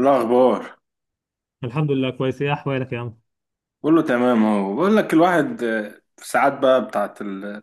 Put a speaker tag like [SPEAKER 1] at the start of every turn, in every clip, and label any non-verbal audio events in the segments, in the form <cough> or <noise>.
[SPEAKER 1] الأخبار.
[SPEAKER 2] الحمد لله كويس، ايه احوالك يا عم؟
[SPEAKER 1] كله تمام أهو، بقول لك الواحد في ساعات بقى بتاعت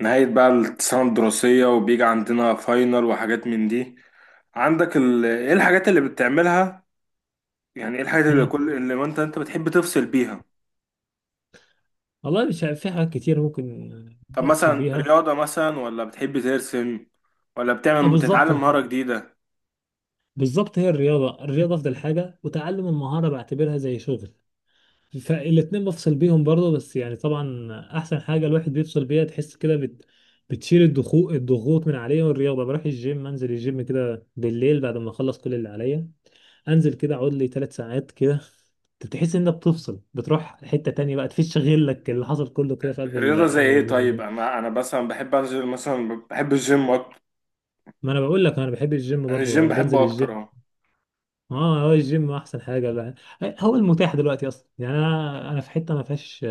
[SPEAKER 1] نهاية بقى السنة الدراسية، وبيجي عندنا فاينل وحاجات من دي. عندك إيه الحاجات اللي بتعملها؟ يعني إيه الحاجات اللي
[SPEAKER 2] مم.
[SPEAKER 1] كل اللي أنت بتحب تفصل بيها؟
[SPEAKER 2] والله مش عارف، في حاجات كتير ممكن
[SPEAKER 1] طب
[SPEAKER 2] تفصل
[SPEAKER 1] مثلا
[SPEAKER 2] بيها.
[SPEAKER 1] رياضة مثلا، ولا بتحب ترسم، ولا
[SPEAKER 2] اه، بالظبط.
[SPEAKER 1] تتعلم مهارة جديدة؟
[SPEAKER 2] بالظبط، هي الرياضة الرياضة أفضل حاجة، وتعلم المهارة بعتبرها زي شغل. فالاتنين بفصل بيهم برضه، بس يعني طبعا أحسن حاجة الواحد بيفصل بيها تحس كده بتشيل الضغوط الضغوط من عليه. والرياضة بروح الجيم، أنزل الجيم كده بالليل بعد ما أخلص كل اللي عليا، أنزل كده أقعد لي ثلاث ساعات كده. بتحس إنك بتفصل، بتروح حتة تانية بقى، تفش غلك اللي حصل كله كده في قلب
[SPEAKER 1] رياضة زي إيه؟
[SPEAKER 2] النوع.
[SPEAKER 1] طيب أنا مثلا بحب أنزل، مثلا بحب الجيم أكتر.
[SPEAKER 2] ما انا بقول لك انا بحب الجيم
[SPEAKER 1] أنا الجيم
[SPEAKER 2] برضو، بنزل
[SPEAKER 1] بحبه أكتر
[SPEAKER 2] الجيم.
[SPEAKER 1] أهو.
[SPEAKER 2] اه، هو الجيم احسن حاجه. لا، هو المتاح دلوقتي اصلا. يعني انا في حته ما فيهاش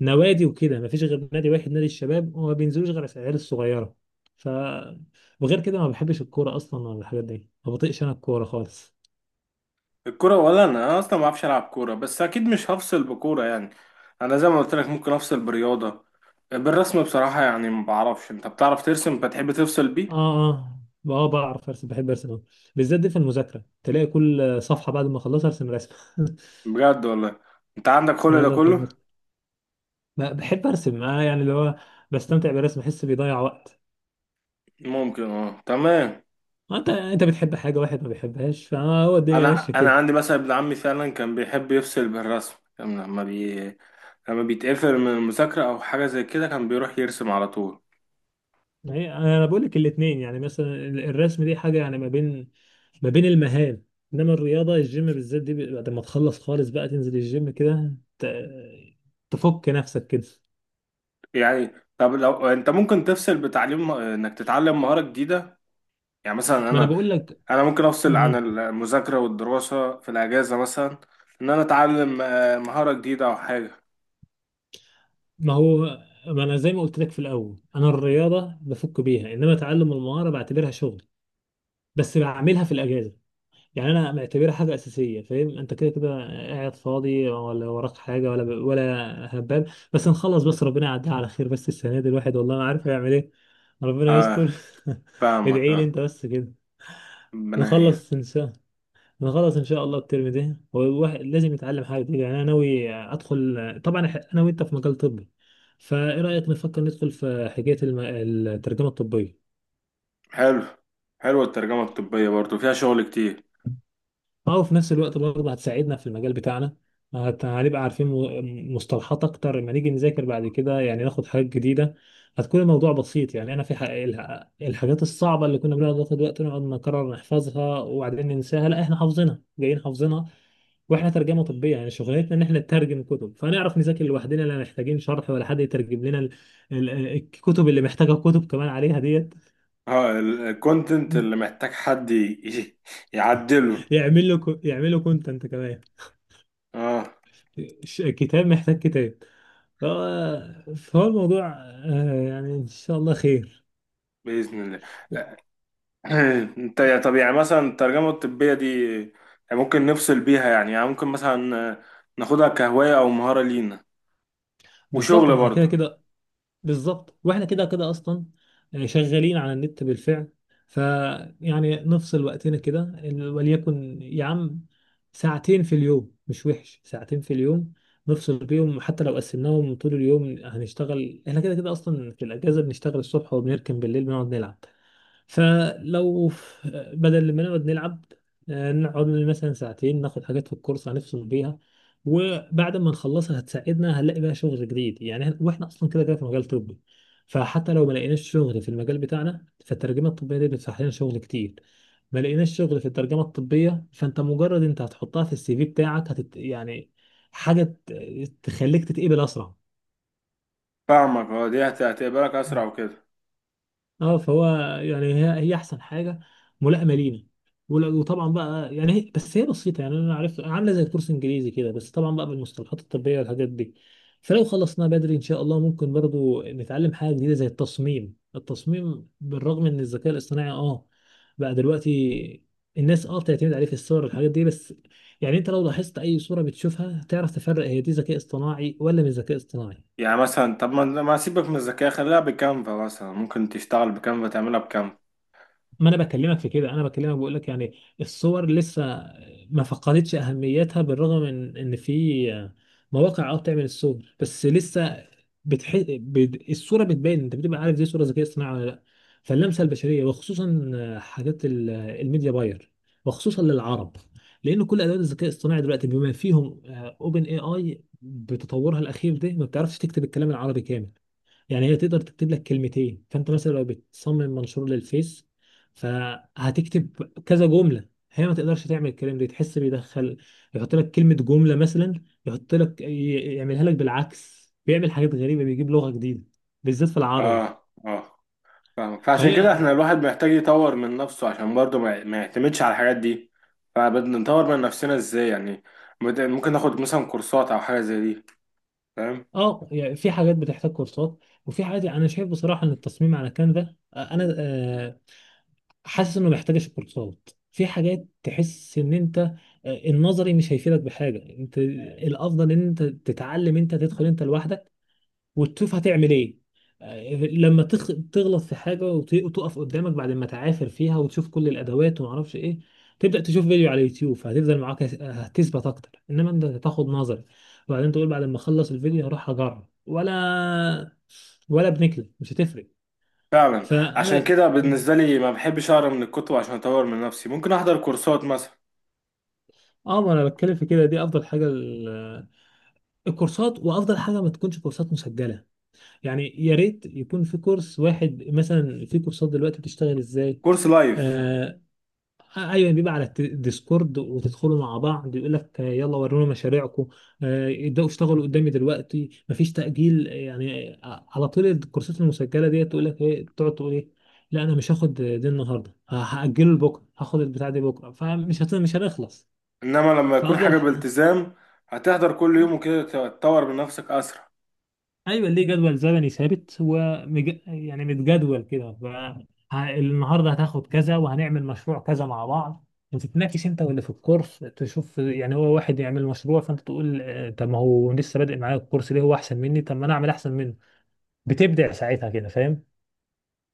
[SPEAKER 2] نوادي وكده، ما فيش غير نادي واحد نادي الشباب، وما بينزلوش غير العيال الصغيره. ف وغير كده ما بحبش الكوره اصلا ولا الحاجات دي، ما بطيقش انا الكوره خالص.
[SPEAKER 1] الكرة؟ ولا انا اصلا ما بعرفش العب كورة، بس اكيد مش هفصل بكورة يعني. انا زي ما قلت لك ممكن افصل برياضة. بالرسم بصراحة يعني ما بعرفش، انت بتعرف ترسم؟ بتحب تفصل بيه؟
[SPEAKER 2] اه. اه. اه، بعرف ارسم، بحب ارسم أوي. بالذات دي في المذاكره، تلاقي كل صفحه بعد ما اخلصها ارسم رسمه. <laughs>
[SPEAKER 1] بجد والله؟ انت عندك
[SPEAKER 2] اه
[SPEAKER 1] كل ده
[SPEAKER 2] والله بحب
[SPEAKER 1] كله؟
[SPEAKER 2] أرسم. بحب ارسم انا، يعني اللي هو بستمتع بالرسم، بحس بيضيع وقت.
[SPEAKER 1] ممكن، اه، تمام.
[SPEAKER 2] انت بتحب حاجه، واحد ما بيحبهاش، فهو الدنيا
[SPEAKER 1] انا
[SPEAKER 2] ماشيه
[SPEAKER 1] انا
[SPEAKER 2] كده.
[SPEAKER 1] عندي مثلا ابن عمي فعلا كان بيحب يفصل بالرسم، كان لما بيتقفل من المذاكرة او حاجة زي كده كان بيروح يرسم على طول.
[SPEAKER 2] ما هي انا بقول لك الاثنين. يعني مثلا الرسم دي حاجه يعني ما بين المهام، انما الرياضه الجيم بالذات دي، بعد ما تخلص خالص بقى، تنزل الجيم كده، تفك نفسك كده.
[SPEAKER 1] يعني طب لو انت ممكن تفصل بتعليم، انك تتعلم مهارة جديدة. يعني مثلا
[SPEAKER 2] ما انا
[SPEAKER 1] انا،
[SPEAKER 2] بقول لك.
[SPEAKER 1] ممكن افصل عن
[SPEAKER 2] مم.
[SPEAKER 1] المذاكره والدراسه في الاجازه مثلا. ان انا اتعلم مهاره جديده او حاجه.
[SPEAKER 2] ما هو ما انا زي ما قلت لك في الاول، انا الرياضه بفك بيها، انما تعلم المهاره بعتبرها شغل، بس بعملها في الاجازه. يعني انا معتبرها حاجه اساسيه، فاهم انت كده كده؟ قاعد فاضي ولا وراك حاجه ولا هبال؟ بس نخلص، بس ربنا يعديها على خير. بس السنه دي الواحد والله ما عارف يعمل ايه. ربنا
[SPEAKER 1] اه،
[SPEAKER 2] يستر. <laughs>
[SPEAKER 1] فاهمك،
[SPEAKER 2] ادعي لي
[SPEAKER 1] اه.
[SPEAKER 2] انت بس كده.
[SPEAKER 1] ربنا يعين.
[SPEAKER 2] نخلص ان شاء، نخلص ان شاء الله الترم ده، والواحد لازم يتعلم حاجه جديدة. يعني انا ناوي ادخل طبعا انا وانت في مجال طبي، فايه رايك نفكر ندخل في حكايه الترجمه الطبيه.
[SPEAKER 1] حلو. حلوه الترجمه الطبيه برضو، فيها شغل كتير.
[SPEAKER 2] اه، وفي نفس الوقت برضه هتساعدنا في المجال بتاعنا. هنبقى عارفين مصطلحات اكتر لما نيجي نذاكر بعد كده. يعني ناخد حاجات جديدة، هتكون الموضوع بسيط. يعني انا في الحاجات الصعبة اللي كنا بنقعد ناخد وقت نقعد نكرر نحفظها وبعدين ننساها، لا احنا حافظينها، جايين حافظينها. واحنا ترجمة طبية، يعني شغلتنا ان احنا نترجم كتب، فنعرف نذاكر لوحدنا، لا محتاجين شرح ولا حد يترجم لنا الكتب اللي محتاجة كتب كمان عليها ديت.
[SPEAKER 1] اه، الكونتنت اللي
[SPEAKER 2] <laughs>
[SPEAKER 1] محتاج حد <laughs> يعدله.
[SPEAKER 2] يعمل له، يعمل له كونتنت كمان.
[SPEAKER 1] اه.
[SPEAKER 2] كتاب محتاج كتاب. آه، فهو الموضوع، آه، يعني ان شاء الله خير.
[SPEAKER 1] باذن الله. <clears throat> انت طب يعني مثلا الترجمه الطبيه دي يعني ممكن نفصل بيها يعني, يعني ممكن مثلا ناخدها كهوايه او مهاره لينا،
[SPEAKER 2] بالظبط،
[SPEAKER 1] وشغل
[SPEAKER 2] ما احنا كده
[SPEAKER 1] برضو.
[SPEAKER 2] كده. بالظبط، واحنا كده كده اصلا آه، شغالين على النت بالفعل. فيعني نفصل وقتنا كده وليكن يا عم ساعتين في اليوم. مش وحش ساعتين في اليوم، نفصل بيهم. حتى لو قسمناهم طول اليوم، هنشتغل احنا كده كده اصلا في الاجازه. بنشتغل الصبح وبنركن بالليل بنقعد نلعب. فلو بدل ما نقعد نلعب، آه، نقعد مثلا ساعتين ناخد حاجات في الكورس، هنفصل بيها. وبعد ما نخلصها هتساعدنا، هنلاقي بقى شغل جديد. يعني واحنا اصلا كده كده في مجال طبي، فحتى لو ما لقيناش شغل في المجال بتاعنا، فالترجمه الطبيه دي بتفتح لنا شغل كتير. ما لقيناش شغل في الترجمه الطبيه، فانت مجرد انت هتحطها في السي في بتاعك، يعني حاجه تخليك تتقبل اسرع.
[SPEAKER 1] فاهمك اه، هتقبلك اسرع وكده.
[SPEAKER 2] اه، فهو يعني هي احسن حاجه ملائمه لينا. وطبعا بقى يعني هي بس هي بسيطه. يعني انا عارف عامله زي الكورس الانجليزي كده، بس طبعا بقى بالمصطلحات الطبيه والحاجات دي. فلو خلصناه بدري ان شاء الله، ممكن برضو نتعلم حاجه جديده زي التصميم. التصميم بالرغم ان الذكاء الاصطناعي اه بقى دلوقتي الناس اه بتعتمد عليه في الصور والحاجات دي، بس يعني انت لو لاحظت اي صوره بتشوفها تعرف تفرق هي دي ذكاء اصطناعي ولا مش ذكاء اصطناعي.
[SPEAKER 1] يعني مثلا طب ما سيبك من الذكاء، خليها بكانفا مثلا، ممكن تشتغل بكانفا، تعملها بكانفا.
[SPEAKER 2] ما انا بكلمك في كده، انا بكلمك بقول لك يعني الصور لسه ما فقدتش اهميتها، بالرغم من ان في مواقع اه بتعمل الصور، بس لسه الصوره بتبان، انت بتبقى عارف دي صوره ذكيه اصطناعي ولا لا. فاللمسه البشريه، وخصوصا حاجات الميديا باير، وخصوصا للعرب، لان كل ادوات الذكاء الاصطناعي دلوقتي بما فيهم اوبن اي اي بتطورها الاخير ده، ما بتعرفش تكتب الكلام العربي كامل. يعني هي تقدر تكتب لك كلمتين، فانت مثلا لو بتصمم منشور للفيس فهتكتب كذا جمله، هي ما تقدرش تعمل الكلام ده، تحس بيدخل يحط لك كلمه جمله. مثلا يحط لك، يعملها لك بالعكس، بيعمل حاجات غريبه، بيجيب لغه جديده بالذات في العربي.
[SPEAKER 1] اه، اه، فاهم. فعشان كده
[SPEAKER 2] فهي
[SPEAKER 1] احنا الواحد محتاج يطور من نفسه عشان برضه ما يعتمدش على الحاجات دي. فبدنا نطور من نفسنا ازاي يعني؟ ممكن ناخد مثلا كورسات او حاجة زي دي؟ فاهم؟
[SPEAKER 2] اه يعني في حاجات بتحتاج كورسات، وفي حاجات يعني انا شايف بصراحه ان التصميم على كانفا آه، انا آه، حاسس انه محتاج الكورسات. في حاجات تحس ان انت آه، النظري مش هيفيدك بحاجه، انت الافضل ان انت تتعلم، انت تدخل انت لوحدك وتشوف هتعمل ايه. آه، لما تغلط في حاجه وتقف قدامك، بعد ما تعافر فيها وتشوف كل الادوات وما اعرفش ايه، تبدا تشوف فيديو على اليوتيوب، فهتفضل معاك هتثبت اكتر. انما انت تاخد نظري وبعدين تقول بعد ما اخلص الفيديو هروح اجرب، ولا بنكله مش هتفرق.
[SPEAKER 1] فعلا. عشان
[SPEAKER 2] فانا
[SPEAKER 1] كده بالنسبة لي ما بحبش اقرا من الكتب، عشان اطور من نفسي ممكن احضر كورسات مثلا.
[SPEAKER 2] اه ما انا بتكلم في كده، دي افضل حاجه الكورسات. وافضل حاجه ما تكونش كورسات مسجله، يعني يا ريت يكون في كورس واحد. مثلا في كورسات دلوقتي بتشتغل ازاي؟
[SPEAKER 1] كورس لايف.
[SPEAKER 2] آه، ايوه، بيبقى على الديسكورد، وتدخلوا مع بعض يقول لك آه، يلا ورونا مشاريعكم. آه، ابداوا اشتغلوا قدامي دلوقتي، مفيش تاجيل. آه، يعني آه، على طول. الكورسات المسجله ديت تقول لك ايه، تقعد تقول ايه، لا انا مش هاخد دي النهارده، هاجله لبكره، هاخد البتاع دي بكره. مش هنخلص.
[SPEAKER 1] انما لما يكون
[SPEAKER 2] فافضل،
[SPEAKER 1] حاجة بالتزام، هتحضر كل يوم وكده، تطور من نفسك اسرع.
[SPEAKER 2] ايوه، ليه جدول زمني ثابت ومج... يعني متجدول كده. النهارده هتاخد كذا، وهنعمل مشروع كذا مع بعض، وتتناقش انت واللي في الكورس تشوف. يعني هو واحد يعمل مشروع، فانت تقول آه، طب ما هو لسه بادئ معايا الكورس، ليه هو احسن مني؟ طب ما انا اعمل احسن منه. بتبدع ساعتها كده، فاهم؟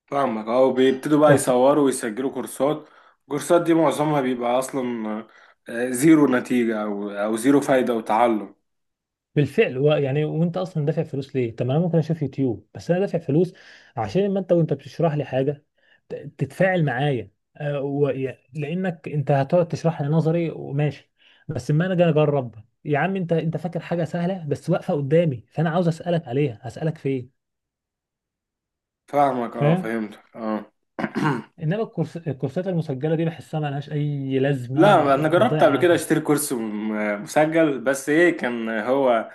[SPEAKER 1] فاهمك اه. وبيبتدوا بقى
[SPEAKER 2] وفي
[SPEAKER 1] يصوروا ويسجلوا كورسات. الكورسات دي معظمها بيبقى اصلا زيرو نتيجة، او زيرو فايدة وتعلم.
[SPEAKER 2] بالفعل. يعني وانت اصلا دافع فلوس ليه؟ طب ما انا ممكن اشوف يوتيوب. بس انا دافع فلوس عشان ما انت وانت بتشرح لي حاجه، تتفاعل معايا. آه، لانك انت هتقعد تشرح لي نظري وماشي، بس اما انا جاي اجرب، يا عم انت انت فاكر حاجه سهله، بس واقفه قدامي، فانا عاوز اسالك عليها، هسالك فين؟
[SPEAKER 1] فاهمك اه.
[SPEAKER 2] فاهم؟
[SPEAKER 1] فهمتك اه.
[SPEAKER 2] انما الكورس، الكورسات المسجله دي بحسها ملهاش اي لازمه
[SPEAKER 1] لا، انا جربت
[SPEAKER 2] وبتضيع
[SPEAKER 1] قبل كده
[SPEAKER 2] وقتنا.
[SPEAKER 1] اشتري كورس مسجل، بس ايه، كان هو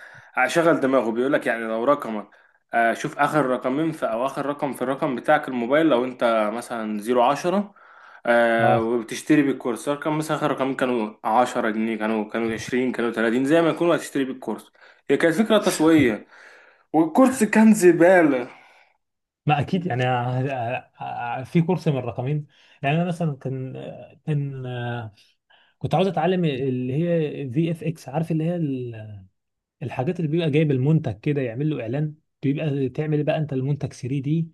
[SPEAKER 1] شغل دماغه، بيقول لك يعني لو رقمك شوف اخر رقمين في، او اخر رقم في الرقم بتاعك، الموبايل، لو انت مثلا زيرو عشرة
[SPEAKER 2] اه،
[SPEAKER 1] وبتشتري بالكورس رقم، مثلا اخر رقمين كانوا عشرة جنيه، كانوا، كانوا عشرين، كانوا تلاتين، زي ما يكونوا هتشتري بالكورس. هي كانت فكرة تسويقية، والكورس كان زبالة.
[SPEAKER 2] ما اكيد يعني في كورس من الرقمين. يعني انا مثلا كان كنت عاوز اتعلم اللي هي في اف اكس، عارف اللي هي الحاجات اللي بيبقى جايب المنتج كده يعمل له اعلان، بيبقى تعمل بقى انت المنتج 3 دي.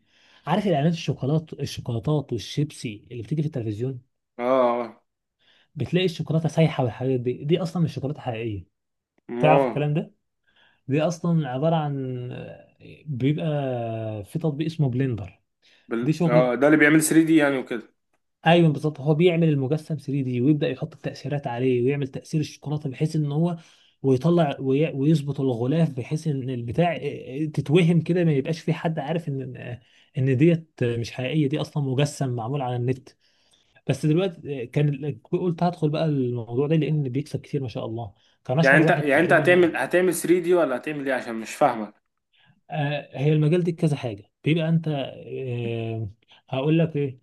[SPEAKER 2] عارف الاعلانات الشوكولات الشوكولاتات والشيبسي اللي بتيجي في التلفزيون،
[SPEAKER 1] اه. آه،
[SPEAKER 2] بتلاقي الشوكولاته سايحه والحاجات دي، دي اصلا مش شوكولاته حقيقيه. تعرف
[SPEAKER 1] ما
[SPEAKER 2] الكلام ده؟ دي اصلا عباره عن، بيبقى في تطبيق اسمه بلندر. دي
[SPEAKER 1] بال...
[SPEAKER 2] شغل.
[SPEAKER 1] اه، ده اللي بيعمل 3 دي يعني وكده.
[SPEAKER 2] ايوه، بالظبط، هو بيعمل المجسم 3 دي ويبدا يحط التاثيرات عليه ويعمل تاثير الشوكولاته بحيث ان هو ويطلع ويظبط الغلاف بحيث ان البتاع تتوهم كده، ما يبقاش في حد عارف ان ديت مش حقيقيه، دي اصلا مجسم معمول على النت. بس دلوقتي كان قلت هدخل بقى الموضوع ده لان بيكسب كتير ما شاء الله، كان
[SPEAKER 1] يعني
[SPEAKER 2] اشهر
[SPEAKER 1] انت،
[SPEAKER 2] واحد
[SPEAKER 1] يعني انت
[SPEAKER 2] تقريبا.
[SPEAKER 1] هتعمل، 3 دي، ولا هتعمل ايه؟ عشان مش فاهمك.
[SPEAKER 2] آه، هي المجال دي كذا حاجه بيبقى انت آه، هقول لك ايه.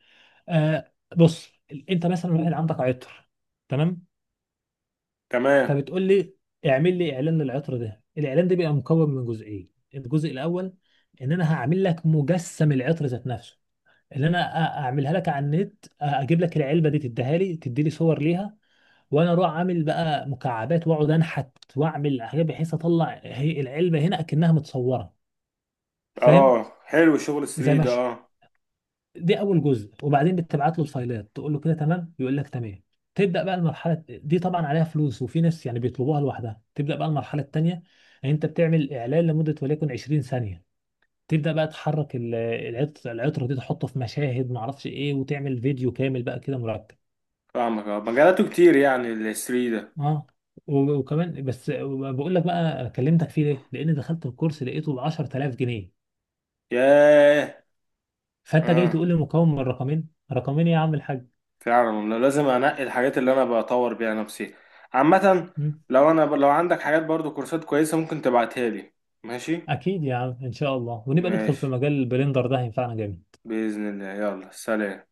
[SPEAKER 2] آه، بص، انت مثلا واحد عندك عطر، تمام؟
[SPEAKER 1] تمام.
[SPEAKER 2] فبتقول لي اعمل لي اعلان للعطر ده. الاعلان ده بيبقى مكون من جزئين. الجزء الاول، ان انا هعمل لك مجسم العطر ذات نفسه، اللي انا اعملها لك على النت. اجيب لك العلبه دي، تديها لي، تدي لي صور ليها، وانا اروح عامل بقى مكعبات واقعد انحت، واعمل حاجات بحيث اطلع هي العلبه هنا اكنها متصوره، فاهم؟
[SPEAKER 1] اه، حلو، شغل
[SPEAKER 2] زي
[SPEAKER 1] 3
[SPEAKER 2] ما،
[SPEAKER 1] ده اه.
[SPEAKER 2] دي اول جزء. وبعدين بتبعت له الفايلات، تقول له كده تمام، يقول لك تمام. تبدا بقى المرحله دي، طبعا عليها فلوس، وفي ناس يعني بيطلبوها لوحدها. تبدا بقى المرحله الثانيه، يعني انت بتعمل اعلان لمده وليكن 20 ثانيه. تبدا بقى تحرك العطره دي، تحطه في مشاهد ما اعرفش ايه، وتعمل فيديو كامل بقى كده مرتب.
[SPEAKER 1] فاهمك اه، مجالاته كتير يعني ال 3 ده.
[SPEAKER 2] اه، وكمان، بس بقول لك بقى كلمتك فيه ليه، لان دخلت الكورس لقيته ب 10000 جنيه.
[SPEAKER 1] ياه.
[SPEAKER 2] فانت جاي
[SPEAKER 1] اه،
[SPEAKER 2] تقول لي مكون من رقمين، رقمين إيه يا عم الحاج!
[SPEAKER 1] فعلا والله، لازم انقي الحاجات اللي انا بطور بيها نفسي عامة. لو لو عندك حاجات برضو كورسات كويسة ممكن تبعتها لي. ماشي.
[SPEAKER 2] اكيد يا عم ان شاء الله، ونبقى ندخل في
[SPEAKER 1] ماشي.
[SPEAKER 2] مجال البلندر ده، هينفعنا جامد.
[SPEAKER 1] بإذن الله، يلا سلام.